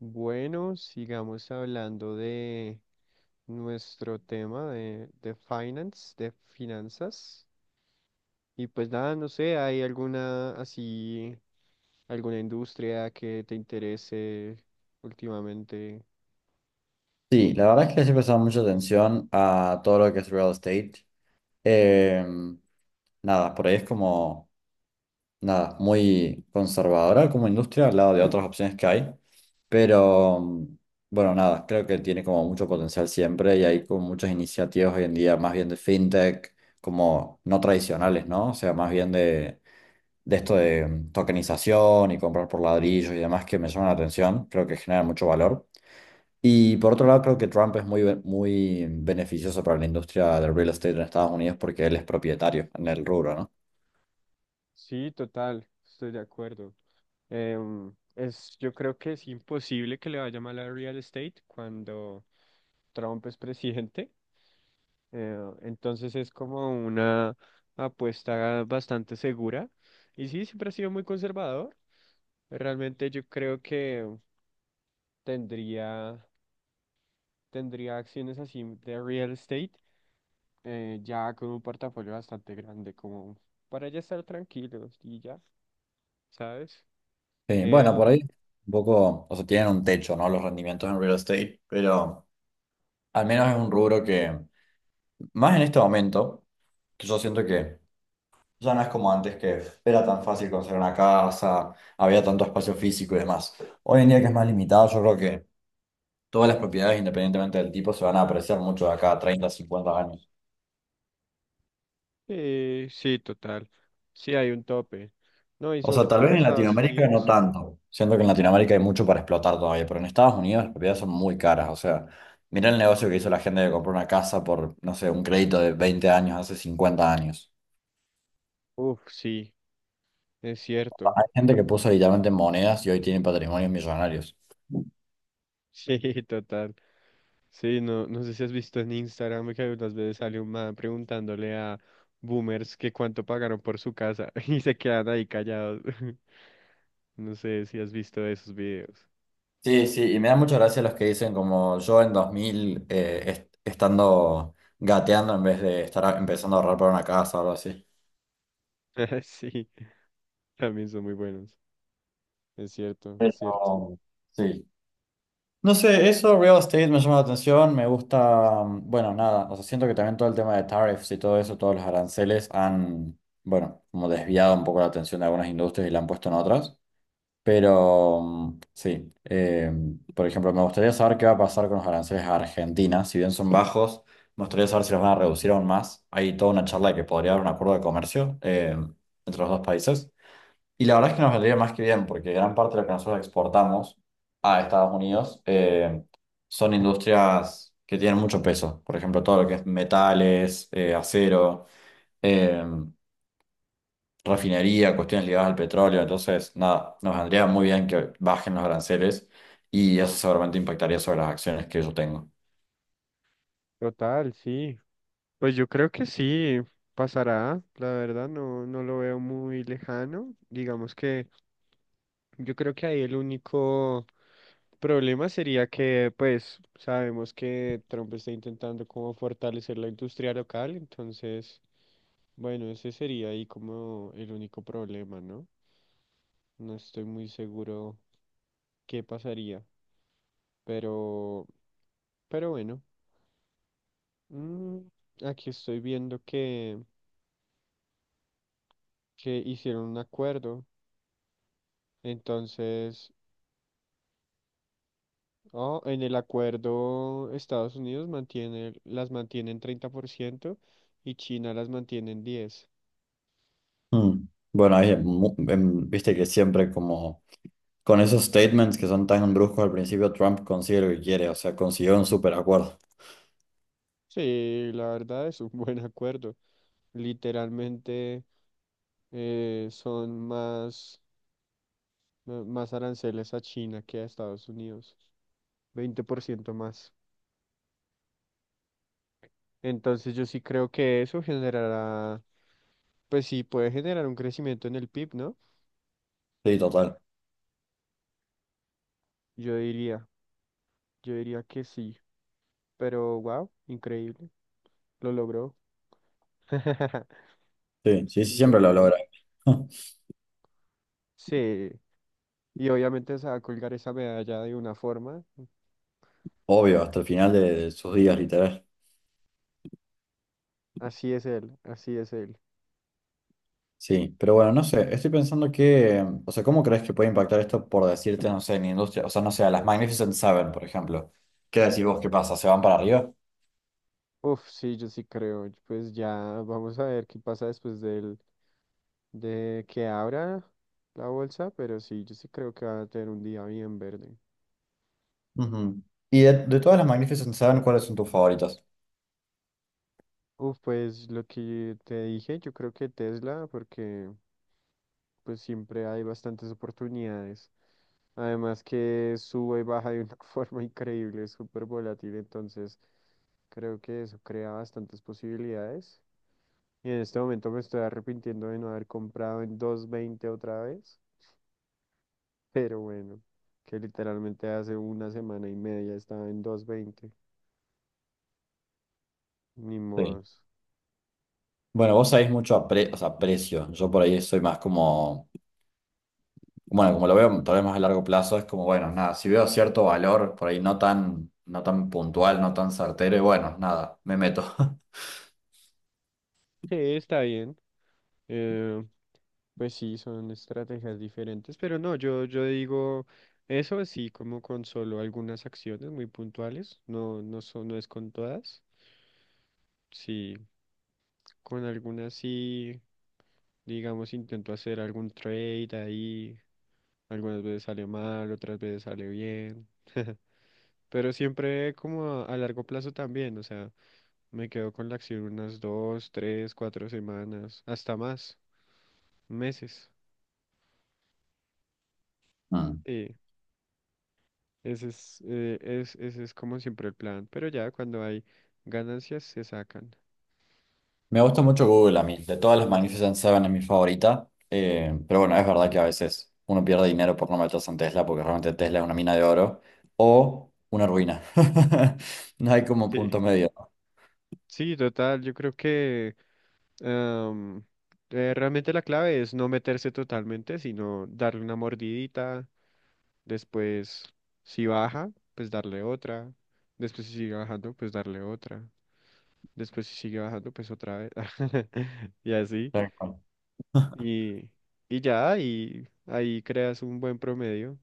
Bueno, sigamos hablando de nuestro tema de finance, de finanzas. Y pues nada, no sé, ¿hay alguna así, alguna industria que te interese últimamente? Sí, la verdad es que les he prestado mucha atención a todo lo que es real estate. Em, nada, por ahí es como, nada, muy conservadora como industria al lado de otras opciones que hay. Pero, bueno, nada, creo que tiene como mucho potencial siempre y hay como muchas iniciativas hoy en día, más bien de fintech, como no tradicionales, ¿no? O sea, más bien de esto de tokenización y comprar por ladrillos y demás que me llaman la atención, creo que generan mucho valor. Y por otro lado, creo que Trump es muy, muy beneficioso para la industria del real estate en Estados Unidos porque él es propietario en el rubro, ¿no? Sí, total, estoy de acuerdo. Es, yo creo que es imposible que le vaya mal a real estate cuando Trump es presidente. Eh, entonces es como una apuesta bastante segura. Y sí, siempre ha sido muy conservador. Realmente yo creo que tendría, tendría acciones así de real estate, ya con un portafolio bastante grande, como para ya estar tranquilos y ya, ¿sabes? Sí, Eh, bueno, por ahí un poco, o sea, tienen un techo, ¿no? Los rendimientos en real estate, pero al menos es un rubro que, más en este momento, que yo siento que ya no es como antes, que era tan fácil conseguir una casa, había tanto espacio físico y demás. Hoy en día que es más limitado, yo creo que todas las propiedades, independientemente del tipo, se van a apreciar mucho de acá a 30, 50 años. Sí, total. Sí, hay un tope. No, y O sobre sea, tal todo vez en en Estados Latinoamérica no Unidos. tanto. Siento que en Latinoamérica hay mucho para explotar todavía, pero en Estados Unidos las propiedades son muy caras. O sea, mira el negocio que hizo la gente de comprar una casa por, no sé, un crédito de 20 años, hace 50 años. Uf, sí, es cierto. Hay gente que puso literalmente monedas y hoy tiene patrimonios millonarios. Sí, total. Sí, no, no sé si has visto en Instagram que algunas veces sale un man preguntándole a boomers que cuánto pagaron por su casa y se quedan ahí callados. No sé si has visto esos videos. Sí, sí, y me da mucha gracia los que dicen como yo en 2000 estando gateando en vez de estar empezando a ahorrar para una casa o algo así. Sí, también son muy buenos. Es cierto, es cierto. Pero, sí. No sé, eso real estate me llama la atención, me gusta, bueno, nada, o sea, siento que también todo el tema de tariffs y todo eso, todos los aranceles han, bueno, como desviado un poco la atención de algunas industrias y la han puesto en otras, pero sí, por ejemplo, me gustaría saber qué va a pasar con los aranceles a Argentina, si bien son bajos, me gustaría saber si los van a reducir aún más, hay toda una charla de que podría haber un acuerdo de comercio entre los dos países. Y la verdad es que nos vendría más que bien, porque gran parte de lo que nosotros exportamos a Estados Unidos son industrias que tienen mucho peso. Por ejemplo, todo lo que es metales, acero, eh, refinería, cuestiones ligadas al petróleo. Entonces, nada, nos vendría muy bien que bajen los aranceles y eso seguramente impactaría sobre las acciones que yo tengo. Total, sí. Pues yo creo que sí pasará, la verdad no, no lo veo muy lejano. Digamos que yo creo que ahí el único problema sería que pues sabemos que Trump está intentando como fortalecer la industria local, entonces bueno, ese sería ahí como el único problema, ¿no? No estoy muy seguro qué pasaría, pero, pero bueno, mm, aquí estoy viendo que hicieron un acuerdo. Entonces, oh, en el acuerdo Estados Unidos mantiene, las mantiene en 30% y China las mantiene en 10%. Mm. Bueno, ahí, viste que siempre como con esos statements que son tan bruscos al principio, Trump consigue lo que quiere, o sea, consiguió un super acuerdo. Sí, la verdad es un buen acuerdo. Literalmente eh, son más, más aranceles a China que a Estados Unidos, 20% más. Entonces yo sí creo que eso generará, pues sí, puede generar un crecimiento en el PIB, ¿no? Sí, total. Yo diría, yo diría que sí. Pero wow, increíble. Lo logró. Sí, sí, sí, Lo siempre lo logró. logra. Sí. Y obviamente se va a colgar esa medalla de una forma. Obvio, hasta el final de, sus días, literal. Así es él, así es él. Sí, pero bueno, no sé, estoy pensando que, o sea, ¿cómo crees que puede impactar esto por decirte, no sé, en industria? O sea, no sé, a las Magnificent Seven, por ejemplo. ¿Qué decís vos? ¿Qué pasa? ¿Se van para arriba? Uf, sí, yo sí creo. Pues ya vamos a ver qué pasa después de que abra la bolsa, pero sí, yo sí creo que va a tener un día bien verde. Ujú. Y de todas las Magnificent Seven, ¿cuáles son tus favoritas? Uf, pues lo que te dije, yo creo que Tesla, porque pues siempre hay bastantes oportunidades. Además que sube y baja de una forma increíble, es súper volátil, entonces creo que eso crea bastantes posibilidades. Y en este momento me estoy arrepintiendo de no haber comprado en dos veinte otra vez, pero bueno, que literalmente hace una semana y media estaba en 2.20, ni Sí. modos. Bueno, vos sabés mucho a o sea, precio. Yo por ahí soy más como bueno, como lo veo tal vez más a largo plazo, es como, bueno, nada, si veo cierto valor por ahí no tan, no tan puntual, no tan certero, y bueno, nada, me meto. Sí, está bien. eh, pues sí, son estrategias diferentes, pero no, yo digo eso así como con solo algunas acciones muy puntuales, no, no, son, no es con todas. Sí, con algunas sí, digamos, intento hacer algún trade ahí. Algunas veces sale mal, otras veces sale bien. Pero siempre como a largo plazo también, o sea, me quedo con la acción unas dos, tres, cuatro semanas, hasta más, meses. Mm. Sí, ese es como siempre el plan. Pero ya cuando hay ganancias se sacan. Me gusta mucho Google a mí, de todas las Magnificent Seven es mi favorita, pero bueno, es verdad que a veces uno pierde dinero por no meterse en Tesla, porque realmente Tesla es una mina de oro o una ruina. No hay como Sí. punto medio, ¿no? Sí, total, yo creo que Am, realmente la clave es no meterse totalmente, sino darle una mordidita, después si baja, pues darle otra, después si sigue bajando, pues darle otra, después si sigue bajando, pues otra vez, y así, Tal cual. y, y ya, y ahí creas un buen promedio.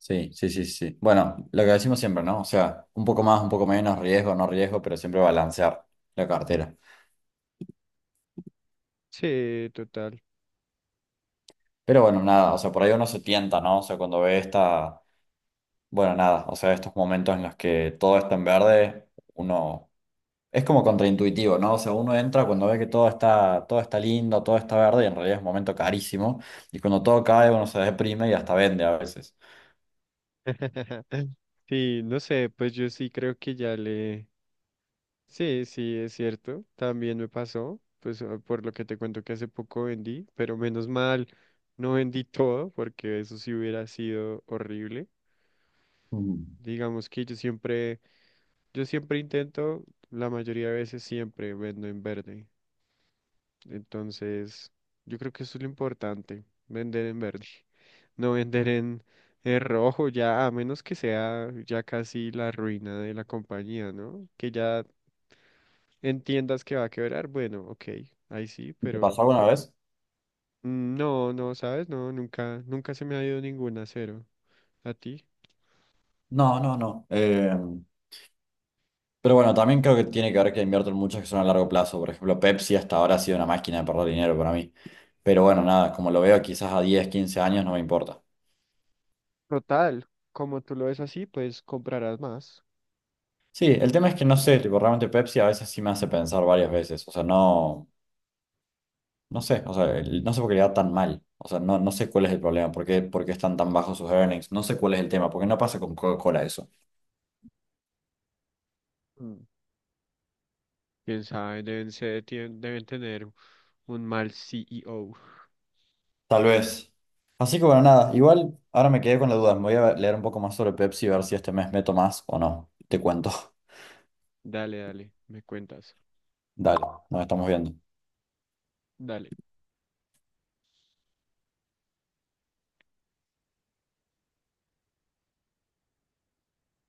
Sí, sí, sí, sí. Bueno, lo que decimos siempre, ¿no? O sea, un poco más, un poco menos, riesgo, no riesgo, pero siempre balancear la cartera. Sí, total. Pero bueno, nada, o sea, por ahí uno se tienta, ¿no? O sea, cuando ve esta, bueno, nada, o sea, estos momentos en los que todo está en verde, uno es como contraintuitivo, ¿no? O sea, uno entra cuando ve que todo está lindo, todo está verde, y en realidad es un momento carísimo, y cuando todo cae uno se deprime y hasta vende a veces. Sí, no sé, pues yo sí creo que ya le... Sí, sí, es cierto. También me pasó, pues ah, por lo que te cuento que hace poco vendí, pero menos mal no vendí todo porque eso sí hubiera sido horrible. Mm. Digamos que yo siempre intento, la mayoría de veces siempre vendo en verde. Entonces, yo creo que eso es lo importante, vender en verde. No vender en rojo ya, a menos que sea ya casi la ruina de la compañía, ¿no? Que ya entiendas que va a quebrar, bueno, ok, ahí sí, ¿Te pero pasó alguna vez? No, no, ¿sabes? No, nunca se me ha ido ninguna a cero. ¿A ti? No, no, no. Pero bueno, también creo que tiene que ver que invierten muchos que son a largo plazo. Por ejemplo, Pepsi hasta ahora ha sido una máquina de perder dinero para mí. Pero bueno, nada, como lo veo quizás a 10 15 años no me importa. Total, como tú lo ves así, pues comprarás más. Sí, el tema es que no sé, tipo, realmente Pepsi a veces sí me hace pensar varias veces. O sea, no, no sé, o sea, no sé por qué le va tan mal. O sea, no, no sé cuál es el problema, por qué están tan bajos sus earnings. No sé cuál es el tema, porque no pasa con Coca-Cola eso. Mm. Quién sabe, deben tener un mal CEO. Tal vez. Así que bueno, nada, igual ahora me quedé con la duda. Me voy a leer un poco más sobre Pepsi y ver si este mes meto más o no. Te cuento. Dale, dale, me cuentas. Dale, nos estamos viendo. Dale.